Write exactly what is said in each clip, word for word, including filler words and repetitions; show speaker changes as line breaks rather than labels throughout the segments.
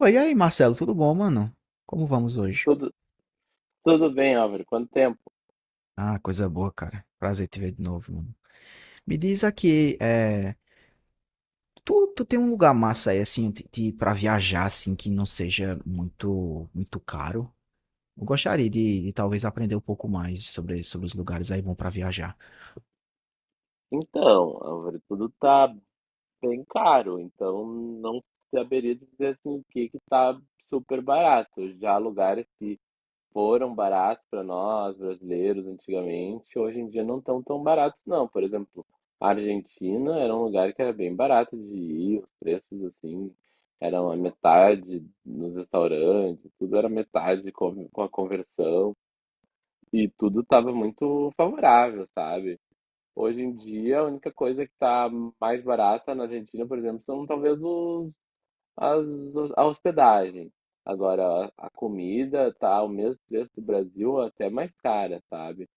Oi, e aí, Marcelo, tudo bom, mano? Como vamos hoje?
Tudo, tudo bem, Álvaro? Quanto tempo?
Ah, coisa boa, cara. Prazer te ver de novo, mano. Me diz aqui, é, tu, tu tem um lugar massa aí, assim, de, de- pra viajar, assim, que não seja muito, muito caro? Eu gostaria de, de talvez aprender um pouco mais sobre, sobre os lugares aí bom pra viajar.
Então, Álvaro, tudo tá bem caro, então não saberia dizer assim, o que que tá super barato. Já lugares que foram baratos para nós, brasileiros, antigamente, hoje em dia não estão tão baratos, não. Por exemplo, a Argentina era um lugar que era bem barato de ir, os preços assim eram a metade nos restaurantes, tudo era metade com com a conversão. E tudo estava muito favorável, sabe? Hoje em dia, a única coisa que está mais barata na Argentina, por exemplo, são talvez os, as, a hospedagem. Agora, a comida tá o mesmo preço do Brasil, até mais cara, sabe?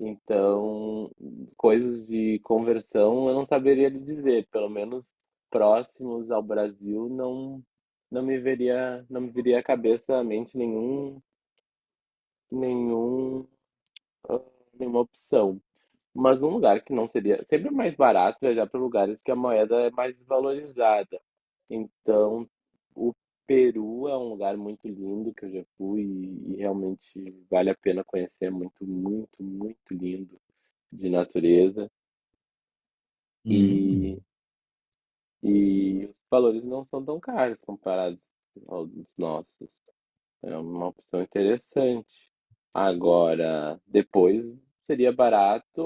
Então, coisas de conversão eu não saberia lhe dizer, pelo menos próximos ao Brasil não não me veria não me viria à cabeça à mente nenhum nenhum ah, nenhuma opção. Mas num lugar que não seria. Sempre é mais barato viajar para lugares que a moeda é mais valorizada. Então, o Peru é um lugar muito lindo que eu já fui e, e realmente vale a pena conhecer. É muito, muito, muito lindo de natureza.
Hum.
E, e os valores não são tão caros comparados aos nossos. É uma opção interessante. Agora, depois seria barato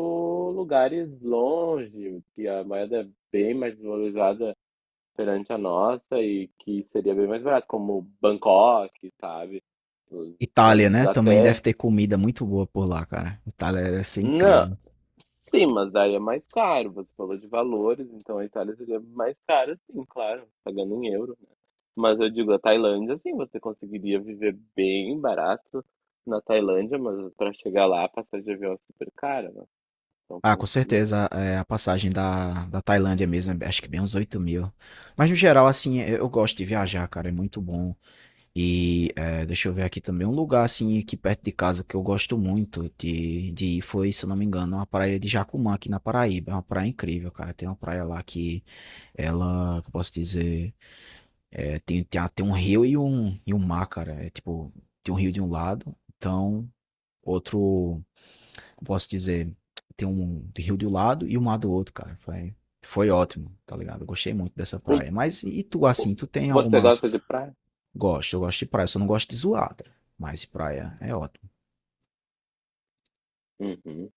lugares longe, que a moeda é bem mais valorizada perante a nossa e que seria bem mais barato, como Bangkok, sabe? Mas
Itália, né? Também deve
até.
ter comida muito boa por lá, cara. Itália deve ser
Não,
incrível.
sim, mas daí é mais caro. Você falou de valores, então a Itália seria mais cara, sim, claro, pagando em euro. Mas eu digo, a Tailândia, sim, você conseguiria viver bem barato na Tailândia, mas para chegar lá, a passagem de avião é super cara, né? Então
Ah,
tem
com
que. Ir.
certeza, é, a passagem da, da Tailândia mesmo, é, acho que bem uns oito mil. Mas no geral, assim, eu eu gosto de viajar, cara, é muito bom. E é, deixa eu ver aqui também, um lugar, assim, aqui perto de casa que eu gosto muito de, de ir foi, se eu não me engano, uma praia de Jacumã, aqui na Paraíba. É uma praia incrível, cara. Tem uma praia lá que ela, que eu posso dizer, é, tem, tem, a- tem um rio e um, e um mar, cara. É tipo, tem um rio de um lado, então outro eu posso dizer, tem um de rio de um lado e o mar do outro, cara. Foi, foi ótimo, tá ligado? Eu gostei muito dessa
O-
praia. Mas e tu,
o-
assim, tu tem
Você
alguma.
gosta de praia?
Gosto, eu gosto de praia, eu só não gosto de zoar, cara. Mas praia é ótimo.
Uhum.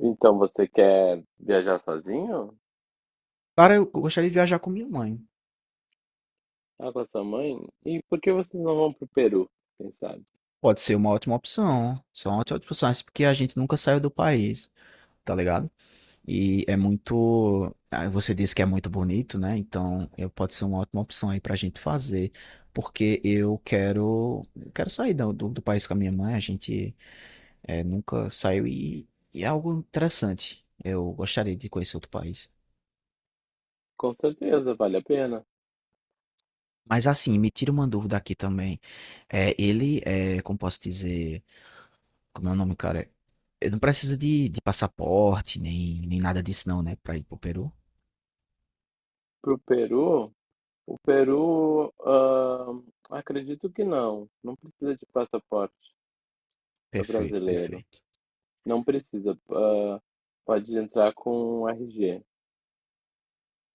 Então você quer viajar sozinho?
Cara, eu gostaria de viajar com minha mãe.
Ah, com a sua mãe? E por que vocês não vão pro Peru? Quem sabe?
Pode ser uma ótima opção. Só uma ótima opção, mas porque a gente nunca saiu do país, tá ligado? E é muito. Ah, você disse que é muito bonito, né? Então, eu- pode ser uma ótima opção aí pra gente fazer. Porque eu quero. Eu quero sair do, do, do país com a minha mãe. A gente é, nunca saiu e, e é algo interessante. Eu gostaria de conhecer outro país.
Com certeza, vale a pena.
Mas assim, me tira uma dúvida aqui também. É, ele é, como posso dizer, como é o nome, cara? Ele não precisa de, de passaporte, nem, nem nada disso não, né? Pra ir pro Peru.
Pro Peru, o Peru, ah, acredito que não. Não precisa de passaporte para
Perfeito,
brasileiro.
perfeito.
Não precisa, hã, pode entrar com R G.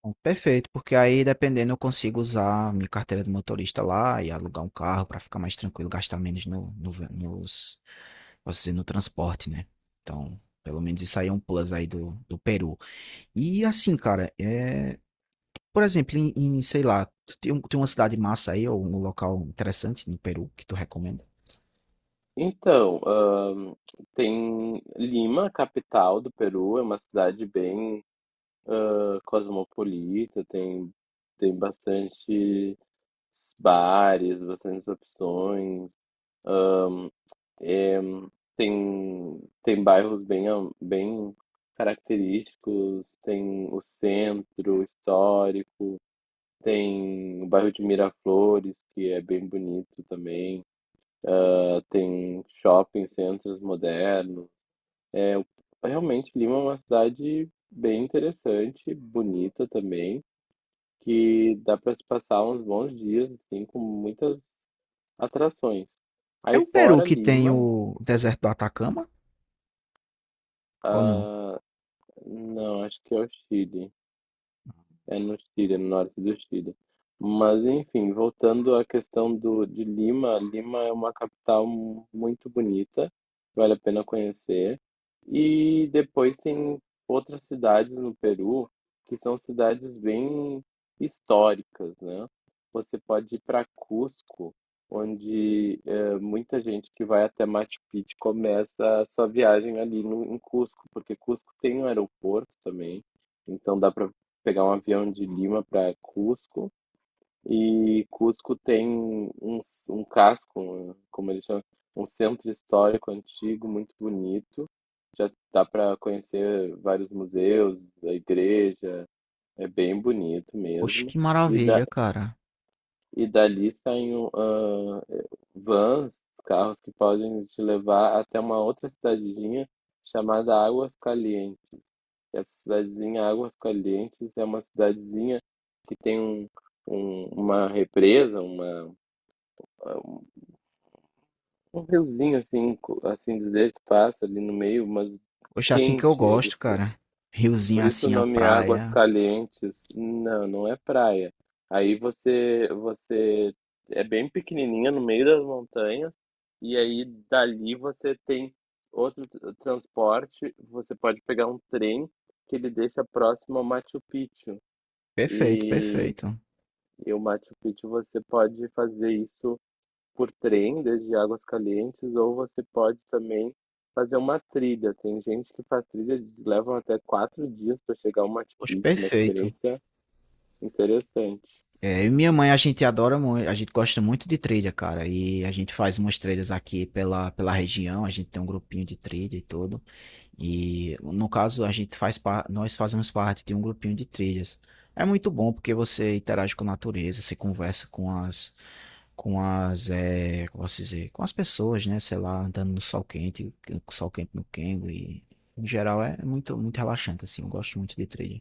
Bom, perfeito, porque aí dependendo eu consigo usar minha carteira de motorista lá e alugar um carro para ficar mais tranquilo, gastar menos no, no, nos, posso dizer, no transporte, né? Então, pelo menos isso aí é um plus aí do, do Peru. E assim, cara, é... por exemplo, em, em, sei lá, tu tem, um- tem uma cidade massa aí, ou um local interessante no Peru que tu recomenda?
Então, hã, tem Lima, capital do Peru, é uma cidade bem, hã, cosmopolita, tem tem bastante bares, bastantes opções, eh, tem tem bairros bem am bem característicos, tem o centro histórico, tem o bairro de Miraflores, que é bem bonito também. Tem shopping centros modernos. É, realmente, Lima é uma cidade bem interessante, bonita também, que dá para se passar uns bons dias, assim, com muitas atrações.
É
Aí
o Peru
fora
que tem
Lima,
o deserto do Atacama, ou não?
ah, não, acho que é o Chile. É no Chile, é no norte do Chile. Mas, enfim, voltando à questão do, de Lima, Lima é uma capital mu- muito bonita, vale a pena conhecer. E depois tem outras cidades no Peru que são cidades bem históricas, né? Você pode ir para Cusco, onde eh, muita gente que vai até Machu Picchu começa a sua viagem ali no, em Cusco, porque Cusco tem um aeroporto também. Então dá para pegar um avião de Lima para Cusco e Cusco tem um, um casco, um, como eles chamam, um centro histórico antigo muito bonito. Já dá para conhecer vários museus, a igreja, é bem bonito
Poxa,
mesmo.
que
E, da,
maravilha, cara.
e dali saem ah, vans, carros que podem te levar até uma outra cidadinha chamada Águas Calientes. Essa cidadezinha Águas Calientes é uma cidadezinha que tem um, um- uma represa, uma, um riozinho, assim, co- assim dizer, que passa ali no meio, mas
Poxa, é assim que eu
quente. Eles,
gosto, cara. Riozinho
por isso o
assim, a
nome Águas
praia.
Calientes. Não, não é praia. Aí você, você é bem pequenininha no meio das montanhas, e aí dali você tem outro t- transporte, você pode pegar um trem que ele deixa próximo ao Machu Picchu.
Perfeito,
E,
perfeito.
e o Machu Picchu você pode fazer isso por trem, desde Águas Calientes, ou você pode também fazer uma trilha. Tem gente que faz trilha, de- levam até quatro dias para chegar ao Machu
Poxa,
Picchu, uma
perfeito.
experiência interessante.
É, eu e minha mãe, a gente adora muito, a gente gosta muito de trilha, cara. E a gente faz umas trilhas aqui pela, pela região, a gente tem um grupinho de trilha e tudo. E no caso, a gente faz par... nós fazemos parte de um grupinho de trilhas. É muito bom porque você interage com a natureza, você conversa com as, com as, é, como posso dizer, com as pessoas, né? Sei lá, andando no sol quente, com sol quente no Kengo e em geral é muito, muito relaxante assim. Eu gosto muito de trilha.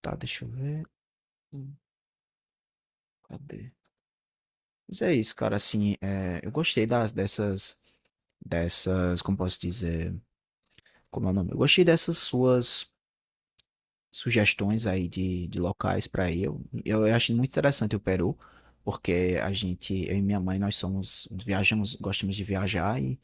Tá, deixa eu ver. Hum, Cadê? Mas é isso, cara. Assim, é, eu gostei das dessas, dessas, como posso dizer, como é o nome? Eu gostei dessas suas sugestões aí de, de locais para ir. Eu, eu acho muito interessante o Peru, porque a gente, eu e minha mãe, nós somos, viajamos, gostamos de viajar e,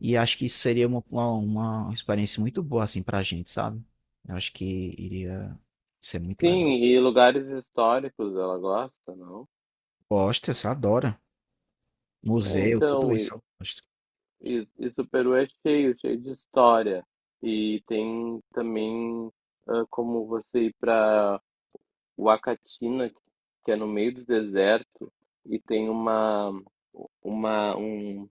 e acho que isso seria uma, uma, uma experiência muito boa assim para a gente, sabe? Eu acho que iria ser muito legal.
Sim, e lugares históricos ela gosta, não?
Gosta, você adora.
É,
Museu, tudo
então,
isso
e,
eu gosto.
e, e o Peru é cheio, cheio de história. E tem também ah, como você ir para o Acatina que é no meio do deserto e tem uma uma um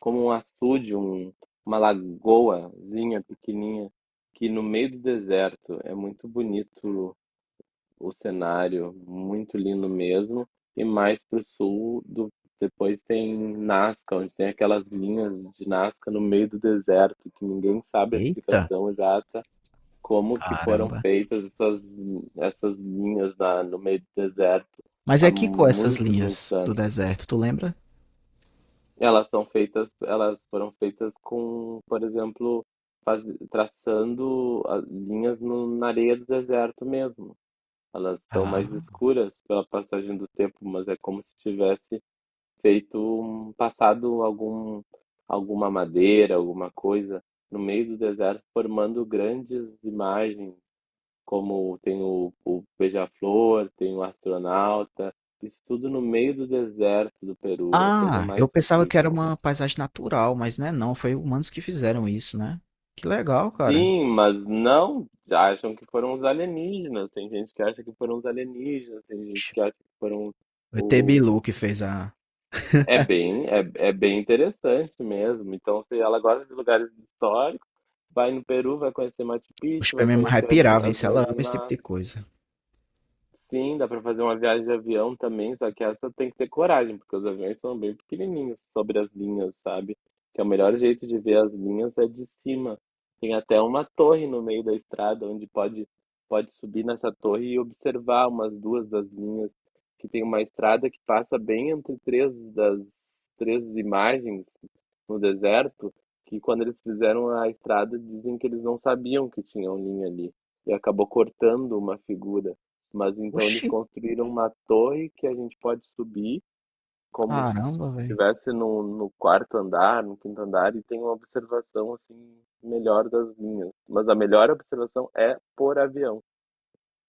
como um açude, um, uma lagoazinha pequenininha que no meio do deserto é muito bonito o cenário, muito lindo mesmo. E mais para o sul, do, depois tem Nazca, onde tem aquelas linhas de Nazca no meio do deserto que ninguém sabe a
Eita,
explicação exata como que foram
caramba.
feitas essas, essas linhas na, no meio do deserto
Mas
há
é que com essas
muitos, muitos
linhas do
anos.
deserto, tu lembra?
Elas são feitas, elas foram feitas com, por exemplo, faz, traçando as linhas no, na areia do deserto mesmo. Elas são mais
Ah.
escuras pela passagem do tempo, mas é como se tivesse feito, um- passado algum, alguma madeira, alguma coisa no meio do deserto, formando grandes imagens como tem o, o Beija-Flor, tem o Astronauta, isso tudo no meio do deserto do Peru, é a coisa
Ah, eu
mais
pensava que era
incrível.
uma paisagem natural, mas não é não, foi humanos que fizeram isso, né? Que legal, cara.
Sim, mas não já acham que foram os alienígenas, tem gente que acha que foram os alienígenas, tem gente
Oxe,
que acha que foram
o E T
o...
Bilu que fez a...
É bem, é, é bem interessante mesmo. Então, se ela gosta de lugares históricos, vai no Peru, vai conhecer Machu
Os
Picchu, vai
prêmios vai
conhecer as
pirar, viu?
as
Se ela
Minas
ama esse tipo
Gerais.
de coisa.
Sim, dá pra fazer uma viagem de avião também, só que essa tem que ter coragem, porque os aviões são bem pequenininhos sobre as linhas, sabe? Que é o melhor jeito de ver as linhas é de cima. Tem até uma torre no meio da estrada onde pode pode subir nessa torre e observar umas duas das linhas, que tem uma estrada que passa bem entre três das três imagens no deserto, que quando eles fizeram a estrada dizem que eles não sabiam que tinham linha ali e acabou cortando uma figura. Mas então eles
Oxi,
construíram uma torre que a gente pode subir como se
caramba, velho.
estivesse no, no quarto andar, no quinto andar, e tem uma observação assim melhor das linhas. Mas a melhor observação é por avião.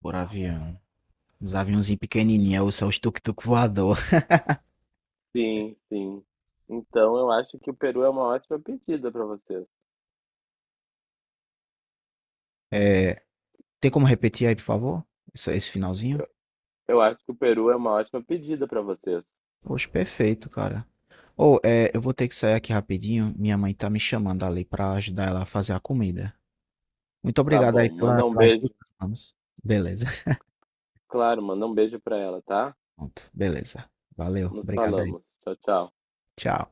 Por avião. Os aviãozinhos pequenininhos, ou só os tuk-tuk voador.
Sim, sim. Então eu acho que o Peru é uma ótima pedida para vocês.
É, tem como repetir aí, por favor? Esse, esse finalzinho?
Eu, eu acho que o Peru é uma ótima pedida para vocês.
Poxa, perfeito, cara. Ou, é, eu vou ter que sair aqui rapidinho. Minha mãe tá me chamando ali pra ajudar ela a fazer a comida. Muito
Tá
obrigado
bom,
aí pela,
manda um
pelas dicas,
beijo.
vamos. Beleza.
Claro, manda um beijo para ela, tá?
Pronto, beleza. Valeu,
Nos
obrigado aí.
falamos. Tchau, tchau.
Tchau.